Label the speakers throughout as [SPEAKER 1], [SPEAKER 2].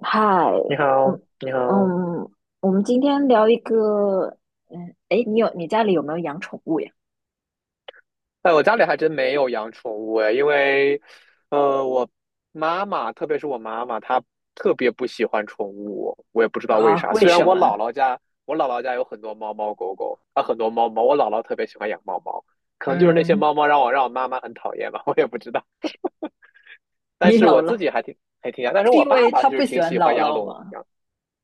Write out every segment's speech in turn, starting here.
[SPEAKER 1] 嗨，
[SPEAKER 2] 你好。
[SPEAKER 1] 嗯
[SPEAKER 2] 你好。
[SPEAKER 1] 嗯，我们今天聊一个，诶，你家里有没有养宠物呀？
[SPEAKER 2] 哎，我家里还真没有养宠物哎，因为，我妈妈，特别是我妈妈，她特别不喜欢宠物，我也不知道为
[SPEAKER 1] 啊，
[SPEAKER 2] 啥。
[SPEAKER 1] 为
[SPEAKER 2] 虽然
[SPEAKER 1] 什
[SPEAKER 2] 我姥
[SPEAKER 1] 么？
[SPEAKER 2] 姥家，我姥姥家有很多猫猫狗狗，啊，很多猫猫，我姥姥特别喜欢养猫猫，可能就是那些
[SPEAKER 1] 嗯，
[SPEAKER 2] 猫猫让我让妈妈很讨厌吧，我也不知道。
[SPEAKER 1] 你
[SPEAKER 2] 但是我
[SPEAKER 1] 姥
[SPEAKER 2] 自
[SPEAKER 1] 姥
[SPEAKER 2] 己还挺还挺养，但是
[SPEAKER 1] 是
[SPEAKER 2] 我
[SPEAKER 1] 因
[SPEAKER 2] 爸
[SPEAKER 1] 为
[SPEAKER 2] 爸
[SPEAKER 1] 他
[SPEAKER 2] 就是
[SPEAKER 1] 不喜
[SPEAKER 2] 挺
[SPEAKER 1] 欢
[SPEAKER 2] 喜欢
[SPEAKER 1] 姥
[SPEAKER 2] 养
[SPEAKER 1] 姥
[SPEAKER 2] 龙，
[SPEAKER 1] 吗？
[SPEAKER 2] 养。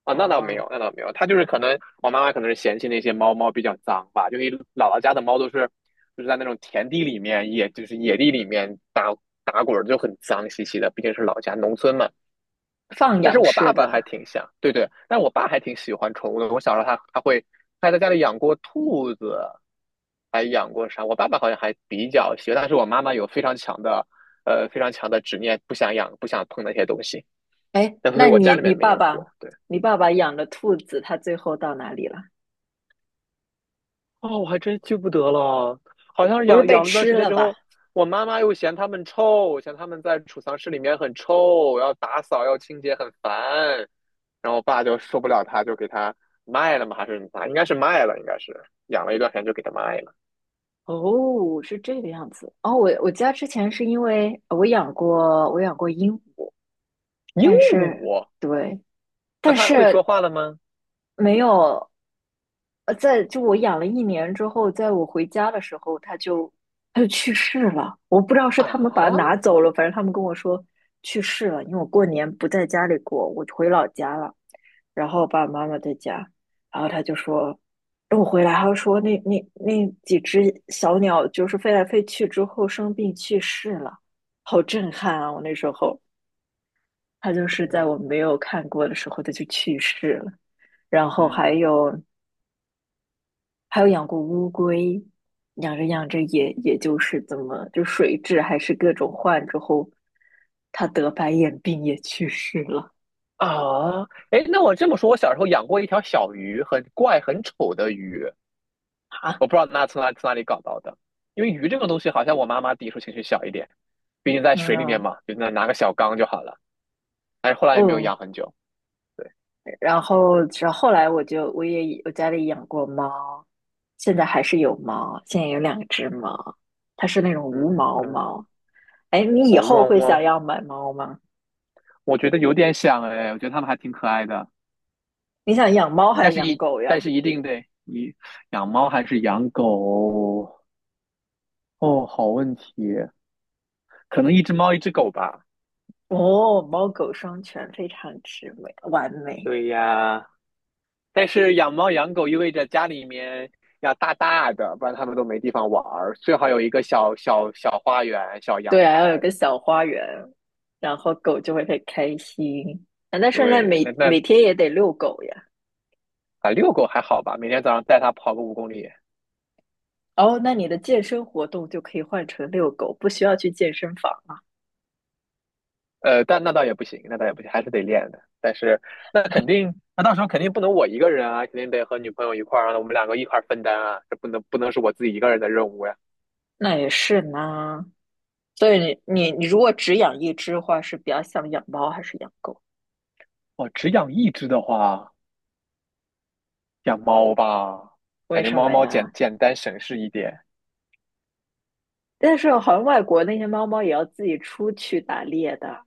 [SPEAKER 2] 啊，那倒没
[SPEAKER 1] 哦，
[SPEAKER 2] 有，那倒没有，它就是可能我妈妈可能是嫌弃那些猫猫比较脏吧，就因为姥姥家的猫都是就是在那种田地里面，也就是野地里面打滚儿，就很脏兮兮的，毕竟是老家农村嘛。
[SPEAKER 1] 放
[SPEAKER 2] 但是
[SPEAKER 1] 养
[SPEAKER 2] 我爸
[SPEAKER 1] 式
[SPEAKER 2] 爸
[SPEAKER 1] 的。
[SPEAKER 2] 还挺像，对对，但我爸还挺喜欢宠物的。我小时候他会他在家里养过兔子，还养过啥？我爸爸好像还比较喜欢，但是我妈妈有非常强的非常强的执念，不想养不想碰那些东西，
[SPEAKER 1] 哎，
[SPEAKER 2] 但所以
[SPEAKER 1] 那
[SPEAKER 2] 我家
[SPEAKER 1] 你
[SPEAKER 2] 里
[SPEAKER 1] 你
[SPEAKER 2] 面没
[SPEAKER 1] 爸
[SPEAKER 2] 有
[SPEAKER 1] 爸，
[SPEAKER 2] 过。对。
[SPEAKER 1] 你爸爸养的兔子，它最后到哪里了？
[SPEAKER 2] 哦，我还真记不得了，好像是
[SPEAKER 1] 不是被
[SPEAKER 2] 养了段
[SPEAKER 1] 吃
[SPEAKER 2] 时间
[SPEAKER 1] 了
[SPEAKER 2] 之
[SPEAKER 1] 吧？
[SPEAKER 2] 后，我妈妈又嫌它们臭，嫌它们在储藏室里面很臭，要打扫要清洁很烦，然后我爸就受不了它，就给它卖了嘛，还是啥？应该是卖了，应该是养了一段时间就给它卖了。
[SPEAKER 1] 哦，是这个样子。哦，我家之前是因为我养过鹦鹉，
[SPEAKER 2] 鹦
[SPEAKER 1] 但是，
[SPEAKER 2] 鹉。
[SPEAKER 1] 对。
[SPEAKER 2] 那
[SPEAKER 1] 但
[SPEAKER 2] 它会说
[SPEAKER 1] 是，
[SPEAKER 2] 话了吗？
[SPEAKER 1] 没有。就我养了一年之后，在我回家的时候，它就去世了。我不知道是他们把它拿
[SPEAKER 2] 啊。
[SPEAKER 1] 走了，反正他们跟我说去世了。因为我过年不在家里过，我回老家了，然后爸爸妈妈在家，然后他就说等我回来，他就说那几只小鸟就是飞来飞去之后生病去世了，好震撼啊！我那时候，它就是
[SPEAKER 2] 天
[SPEAKER 1] 在
[SPEAKER 2] 呐。
[SPEAKER 1] 我没有看过的时候，它就去世了。然后
[SPEAKER 2] 嗯。
[SPEAKER 1] 还有养过乌龟，养着养着也就是怎么，就水质还是各种换之后，它得白眼病也去世了
[SPEAKER 2] 啊。哎，那我这么说，我小时候养过一条小鱼，很怪、很丑的鱼，
[SPEAKER 1] 啊。
[SPEAKER 2] 我不知道那从哪从哪里搞到的，因为鱼这个东西好像我妈妈抵触情绪小一点，毕竟在水里面
[SPEAKER 1] 嗯
[SPEAKER 2] 嘛，就那拿个小缸就好了。但是后来也没有
[SPEAKER 1] 嗯，
[SPEAKER 2] 养很久。对。
[SPEAKER 1] 然后后来我就我也我家里养过猫，现在还是有猫，现在有两只猫，它是那种
[SPEAKER 2] 嗯。
[SPEAKER 1] 无毛
[SPEAKER 2] 嗯。
[SPEAKER 1] 猫。哎，你以
[SPEAKER 2] 我
[SPEAKER 1] 后
[SPEAKER 2] 猫
[SPEAKER 1] 会想
[SPEAKER 2] 猫，
[SPEAKER 1] 要买猫吗？
[SPEAKER 2] 我觉得有点想哎，我觉得它们还挺可爱的，
[SPEAKER 1] 你想养猫还
[SPEAKER 2] 但
[SPEAKER 1] 是
[SPEAKER 2] 是
[SPEAKER 1] 养
[SPEAKER 2] 一
[SPEAKER 1] 狗
[SPEAKER 2] 但
[SPEAKER 1] 呀？
[SPEAKER 2] 是一定得你养猫还是养狗。哦，好问题，可能一只猫一只狗吧。
[SPEAKER 1] 哦，猫狗双全，非常之美，完美。
[SPEAKER 2] 对呀，但是养猫养狗意味着家里面要大大的，不然它们都没地方玩儿。最好有一个小小小花园、小阳
[SPEAKER 1] 对啊，要有
[SPEAKER 2] 台。
[SPEAKER 1] 个小花园，然后狗就会很开心。啊，那圣诞
[SPEAKER 2] 对，
[SPEAKER 1] 每
[SPEAKER 2] 那那
[SPEAKER 1] 每天也得遛狗呀。
[SPEAKER 2] 啊，遛狗还好吧？每天早上带它跑个五公里。
[SPEAKER 1] 哦，那你的健身活动就可以换成遛狗，不需要去健身房啊。
[SPEAKER 2] 呃，但那倒也不行，那倒也不行，还是得练的。但是那肯定，那到时候肯定不能我一个人啊，肯定得和女朋友一块儿啊，我们两个一块儿分担啊，这不能不能是我自己一个人的任务呀。
[SPEAKER 1] 那也是呢。所以你如果只养一只的话，是比较想养猫还是养狗？
[SPEAKER 2] 我只养一只的话，养猫吧，
[SPEAKER 1] 为
[SPEAKER 2] 感觉
[SPEAKER 1] 什
[SPEAKER 2] 猫
[SPEAKER 1] 么
[SPEAKER 2] 猫简
[SPEAKER 1] 呀？
[SPEAKER 2] 简单省事一点。
[SPEAKER 1] 但是好像外国那些猫猫也要自己出去打猎的，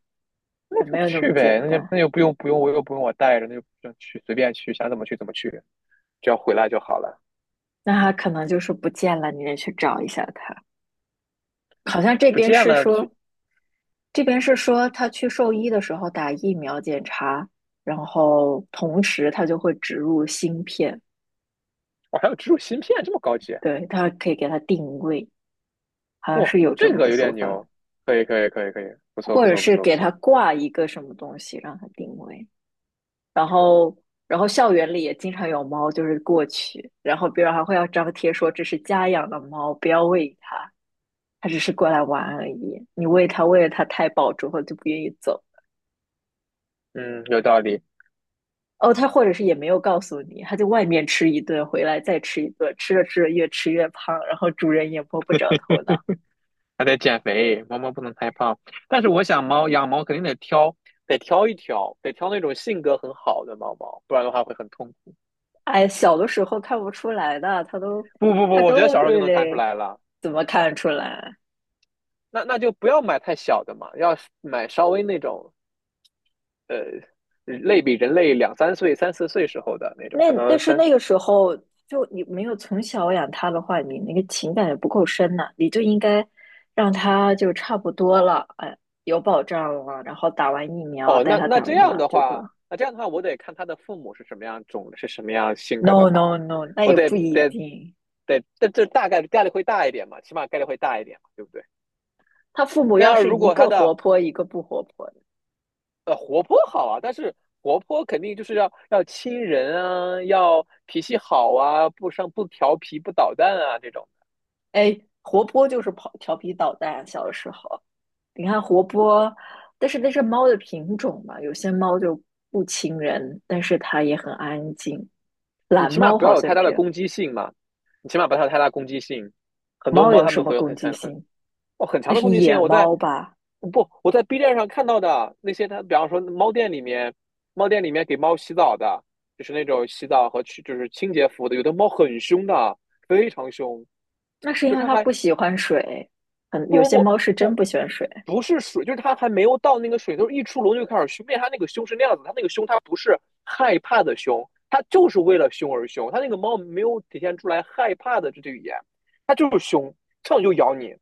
[SPEAKER 2] 那
[SPEAKER 1] 也
[SPEAKER 2] 就
[SPEAKER 1] 没有那么
[SPEAKER 2] 去
[SPEAKER 1] 简
[SPEAKER 2] 呗，那就
[SPEAKER 1] 单。
[SPEAKER 2] 那就不用不用我带着，那就就去随便去，想怎么去怎么去，只要回来就好了。
[SPEAKER 1] 那它可能就是不见了，你得去找一下它。好像
[SPEAKER 2] 不见了，去。
[SPEAKER 1] 这边是说他去兽医的时候打疫苗检查，然后同时他就会植入芯片，
[SPEAKER 2] 我还有植入芯片，这么高级。
[SPEAKER 1] 对，他可以给他定位，好像
[SPEAKER 2] 哇，
[SPEAKER 1] 是有这
[SPEAKER 2] 这
[SPEAKER 1] 么
[SPEAKER 2] 个
[SPEAKER 1] 个
[SPEAKER 2] 有
[SPEAKER 1] 说
[SPEAKER 2] 点
[SPEAKER 1] 法，
[SPEAKER 2] 牛，可以可以可以可以，不错
[SPEAKER 1] 或
[SPEAKER 2] 不
[SPEAKER 1] 者
[SPEAKER 2] 错不
[SPEAKER 1] 是
[SPEAKER 2] 错不
[SPEAKER 1] 给他
[SPEAKER 2] 错。
[SPEAKER 1] 挂一个什么东西让他定位，然后。然后校园里也经常有猫，就是过去，然后别人还会要张贴说这是家养的猫，不要喂它，它只是过来玩而已。你喂它，喂了它太饱之后就不愿意走。
[SPEAKER 2] 嗯，有道理。
[SPEAKER 1] 哦，他或者是也没有告诉你，他在外面吃一顿，回来再吃一顿，吃着吃着越吃越胖，然后主人也摸不着头 脑。
[SPEAKER 2] 还得减肥，猫猫不能太胖。但是我想猫养猫肯定得挑，得挑一挑，得挑那种性格很好的猫猫，不然的话会很痛苦。
[SPEAKER 1] 哎，小的时候看不出来的，他都
[SPEAKER 2] 不不不，
[SPEAKER 1] 他
[SPEAKER 2] 我觉得
[SPEAKER 1] 都
[SPEAKER 2] 小
[SPEAKER 1] 就
[SPEAKER 2] 时候就能看出
[SPEAKER 1] 是
[SPEAKER 2] 来了。
[SPEAKER 1] 怎么看出来？
[SPEAKER 2] 那那就不要买太小的嘛，要买稍微那种呃，类比人类2、3岁、3、4岁时候的那种，可
[SPEAKER 1] 但
[SPEAKER 2] 能
[SPEAKER 1] 是
[SPEAKER 2] 三。
[SPEAKER 1] 那个时候就你没有从小养它的话，你那个情感也不够深呐、你就应该让它就差不多了，哎，有保障了，然后打完疫苗
[SPEAKER 2] 哦，
[SPEAKER 1] 带
[SPEAKER 2] 那
[SPEAKER 1] 它
[SPEAKER 2] 那
[SPEAKER 1] 打
[SPEAKER 2] 这
[SPEAKER 1] 完疫
[SPEAKER 2] 样
[SPEAKER 1] 苗，
[SPEAKER 2] 的
[SPEAKER 1] 就说
[SPEAKER 2] 话，我得看他的父母是什么样种，是什么样性格的
[SPEAKER 1] no no
[SPEAKER 2] 猫，
[SPEAKER 1] no，那
[SPEAKER 2] 我
[SPEAKER 1] 也
[SPEAKER 2] 得
[SPEAKER 1] 不一
[SPEAKER 2] 得
[SPEAKER 1] 定。
[SPEAKER 2] 得，这大概概率会大一点嘛，起码概率会大一点嘛，对不对？
[SPEAKER 1] 他父母
[SPEAKER 2] 那
[SPEAKER 1] 要
[SPEAKER 2] 要
[SPEAKER 1] 是
[SPEAKER 2] 如
[SPEAKER 1] 一
[SPEAKER 2] 果它
[SPEAKER 1] 个
[SPEAKER 2] 的
[SPEAKER 1] 活泼，一个不活泼的，
[SPEAKER 2] 活泼好啊，但是活泼肯定就是要亲人啊，要脾气好啊，不生不调皮不捣蛋啊这种，
[SPEAKER 1] 哎，活泼就是跑调皮捣蛋。小的时候，你看活泼，但是那是猫的品种嘛，有些猫就不亲人，但是它也很安静。
[SPEAKER 2] 你
[SPEAKER 1] 懒
[SPEAKER 2] 起码
[SPEAKER 1] 猫
[SPEAKER 2] 不
[SPEAKER 1] 好
[SPEAKER 2] 要有
[SPEAKER 1] 像
[SPEAKER 2] 太大
[SPEAKER 1] 这
[SPEAKER 2] 的
[SPEAKER 1] 样，
[SPEAKER 2] 攻击性嘛，你起码不要有太大攻击性。很多
[SPEAKER 1] 猫
[SPEAKER 2] 猫
[SPEAKER 1] 有
[SPEAKER 2] 它
[SPEAKER 1] 什
[SPEAKER 2] 们
[SPEAKER 1] 么
[SPEAKER 2] 会有
[SPEAKER 1] 攻击
[SPEAKER 2] 很。
[SPEAKER 1] 性？
[SPEAKER 2] 哦，很
[SPEAKER 1] 那
[SPEAKER 2] 强的
[SPEAKER 1] 是
[SPEAKER 2] 攻击性啊。
[SPEAKER 1] 野猫吧？
[SPEAKER 2] 不，我在 B 站上看到的那些，他比方说猫店里面，猫店里面给猫洗澡的，就是那种洗澡和去就是清洁服务的，有的猫很凶的，非常凶，
[SPEAKER 1] 那是
[SPEAKER 2] 就
[SPEAKER 1] 因
[SPEAKER 2] 是
[SPEAKER 1] 为
[SPEAKER 2] 它
[SPEAKER 1] 它
[SPEAKER 2] 还
[SPEAKER 1] 不喜欢水，有
[SPEAKER 2] 不不
[SPEAKER 1] 些
[SPEAKER 2] 不
[SPEAKER 1] 猫是真
[SPEAKER 2] 不
[SPEAKER 1] 不喜欢水
[SPEAKER 2] 不是水，就是它还没有到那个水，就是一出笼就开始凶，并且它那个凶是那样子，它那个凶它不是害怕的凶，它就是为了凶而凶，它那个猫没有体现出来害怕的这句语言，它就是凶，上来就咬你，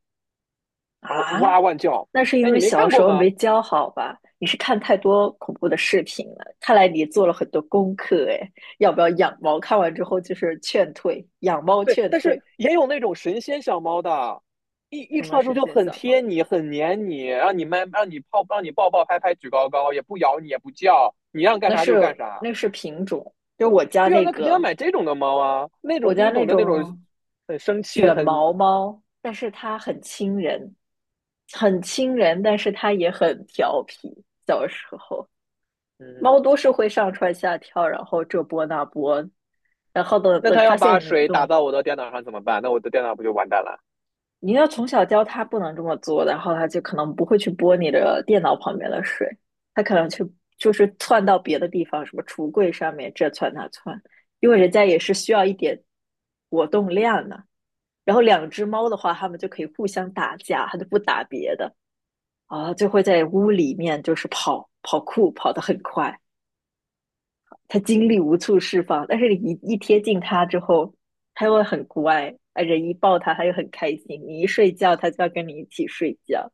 [SPEAKER 2] 然后哇
[SPEAKER 1] 啊。
[SPEAKER 2] 哇叫。
[SPEAKER 1] 那是因
[SPEAKER 2] 哎，
[SPEAKER 1] 为
[SPEAKER 2] 你没
[SPEAKER 1] 小
[SPEAKER 2] 看
[SPEAKER 1] 时
[SPEAKER 2] 过
[SPEAKER 1] 候
[SPEAKER 2] 吗？
[SPEAKER 1] 没教好吧？你是看太多恐怖的视频了，看来你做了很多功课哎。要不要养猫？看完之后就是劝退，养猫
[SPEAKER 2] 对，
[SPEAKER 1] 劝
[SPEAKER 2] 但是
[SPEAKER 1] 退，
[SPEAKER 2] 也有那种神仙小猫的，一一
[SPEAKER 1] 什
[SPEAKER 2] 出
[SPEAKER 1] 么
[SPEAKER 2] 来之后
[SPEAKER 1] 神
[SPEAKER 2] 就
[SPEAKER 1] 仙
[SPEAKER 2] 很
[SPEAKER 1] 小
[SPEAKER 2] 贴
[SPEAKER 1] 猫？
[SPEAKER 2] 你，很黏你，让你们让你抱，让你抱抱拍拍举高高，也不咬你，也不叫，你让干啥就干啥。
[SPEAKER 1] 那是品种，就我家
[SPEAKER 2] 对啊，
[SPEAKER 1] 那
[SPEAKER 2] 那肯定要
[SPEAKER 1] 个，
[SPEAKER 2] 买这种的猫啊，那
[SPEAKER 1] 我
[SPEAKER 2] 种第
[SPEAKER 1] 家
[SPEAKER 2] 一
[SPEAKER 1] 那
[SPEAKER 2] 种的那种
[SPEAKER 1] 种
[SPEAKER 2] 很生气的，
[SPEAKER 1] 卷
[SPEAKER 2] 很。
[SPEAKER 1] 毛猫，但是它很亲人，很亲人，但是它也很调皮。小时候，
[SPEAKER 2] 嗯，
[SPEAKER 1] 猫都是会上蹿下跳，然后这波那波，然后等
[SPEAKER 2] 那
[SPEAKER 1] 等
[SPEAKER 2] 它
[SPEAKER 1] 发
[SPEAKER 2] 要把
[SPEAKER 1] 现你这
[SPEAKER 2] 水打
[SPEAKER 1] 种
[SPEAKER 2] 到我的电脑上怎么办？那我的电脑不就完蛋了？
[SPEAKER 1] 你要从小教他不能这么做，然后他就可能不会去拨你的电脑旁边的水，他可能就是窜到别的地方，什么橱柜上面这窜那窜，因为人家也是需要一点活动量的。然后两只猫的话，它们就可以互相打架，它就不打别的啊，就会在屋里面就是跑跑酷，跑得很快。他精力无处释放，但是你一贴近他之后，他又会很乖，啊，人一抱他又很开心，你一睡觉他就要跟你一起睡觉，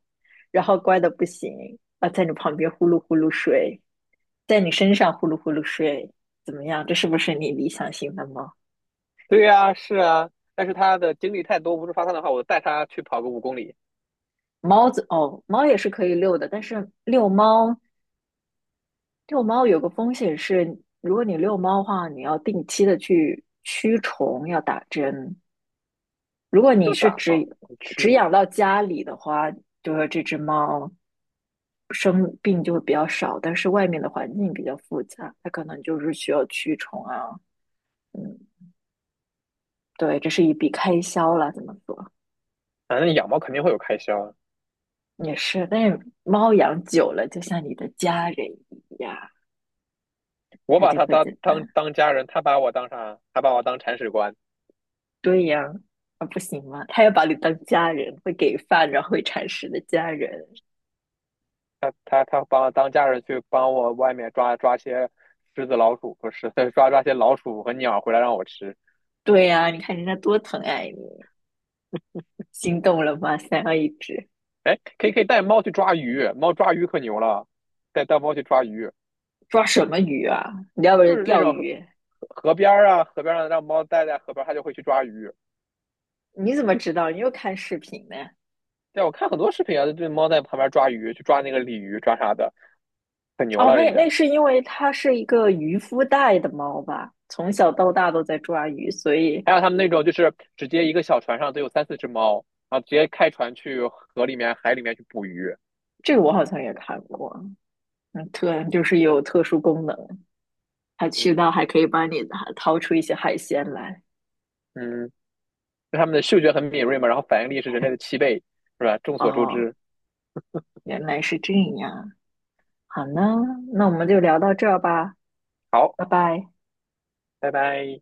[SPEAKER 1] 然后乖的不行啊，在你旁边呼噜呼噜睡，在你身上呼噜呼噜睡，怎么样？这是不是你理想型的猫？
[SPEAKER 2] 对呀，是啊，但是它的精力太多，不是发散的话，我带它去跑个五公里。
[SPEAKER 1] 猫子哦，猫也是可以遛的，但是遛猫有个风险是，如果你遛猫的话，你要定期的去驱虫，要打针。如果你
[SPEAKER 2] 就
[SPEAKER 1] 是
[SPEAKER 2] 打嘛，你去
[SPEAKER 1] 只
[SPEAKER 2] 嘛。
[SPEAKER 1] 养到家里的话，就是这只猫生病就会比较少，但是外面的环境比较复杂，它可能就是需要驱虫啊，嗯，对，这是一笔开销了，怎么说
[SPEAKER 2] 反正养猫肯定会有开销啊。
[SPEAKER 1] 也是。但是猫养久了，就像你的家人一样，
[SPEAKER 2] 我
[SPEAKER 1] 它
[SPEAKER 2] 把
[SPEAKER 1] 就
[SPEAKER 2] 他
[SPEAKER 1] 会
[SPEAKER 2] 当
[SPEAKER 1] 怎么
[SPEAKER 2] 家人，他把我当啥？他把我当铲屎官。
[SPEAKER 1] 对呀、啊，不行吗？它要把你当家人，会给饭，然后会铲屎的家人。
[SPEAKER 2] 他把我当家人去帮我外面抓些狮子、老鼠，不是 抓些老鼠和鸟回来让我吃。
[SPEAKER 1] 对呀、啊你看人家多疼爱你，心动了吗？想要一只。
[SPEAKER 2] 哎，可以可以带猫去抓鱼，猫抓鱼可牛了，带猫去抓鱼，
[SPEAKER 1] 抓什么鱼啊？你要不是
[SPEAKER 2] 就是那
[SPEAKER 1] 钓
[SPEAKER 2] 种河
[SPEAKER 1] 鱼？
[SPEAKER 2] 河边儿啊，河边上让猫待在河边它就会去抓鱼。
[SPEAKER 1] 你怎么知道？你又看视频呢？
[SPEAKER 2] 对，我看很多视频啊，这猫在旁边抓鱼，去抓那个鲤鱼，抓啥的，可牛
[SPEAKER 1] 哦，
[SPEAKER 2] 了人
[SPEAKER 1] 那
[SPEAKER 2] 家。
[SPEAKER 1] 是因为它是一个渔夫带的猫吧？从小到大都在抓鱼，所以
[SPEAKER 2] 还有他们那种就是直接一个小船上都有3、4只猫，然后直接开船去河里面、海里面去捕鱼。
[SPEAKER 1] 这个我好像也看过。嗯，就是有特殊功能，它去
[SPEAKER 2] 嗯。
[SPEAKER 1] 到还可以帮你掏出一些海鲜来。
[SPEAKER 2] 嗯。那他们的嗅觉很敏锐嘛，然后反应力是人类的7倍，是吧？众所周
[SPEAKER 1] 哦，
[SPEAKER 2] 知。
[SPEAKER 1] 原来是这样。好呢，那我们就聊到这儿吧，
[SPEAKER 2] 好，
[SPEAKER 1] 拜拜。
[SPEAKER 2] 拜拜。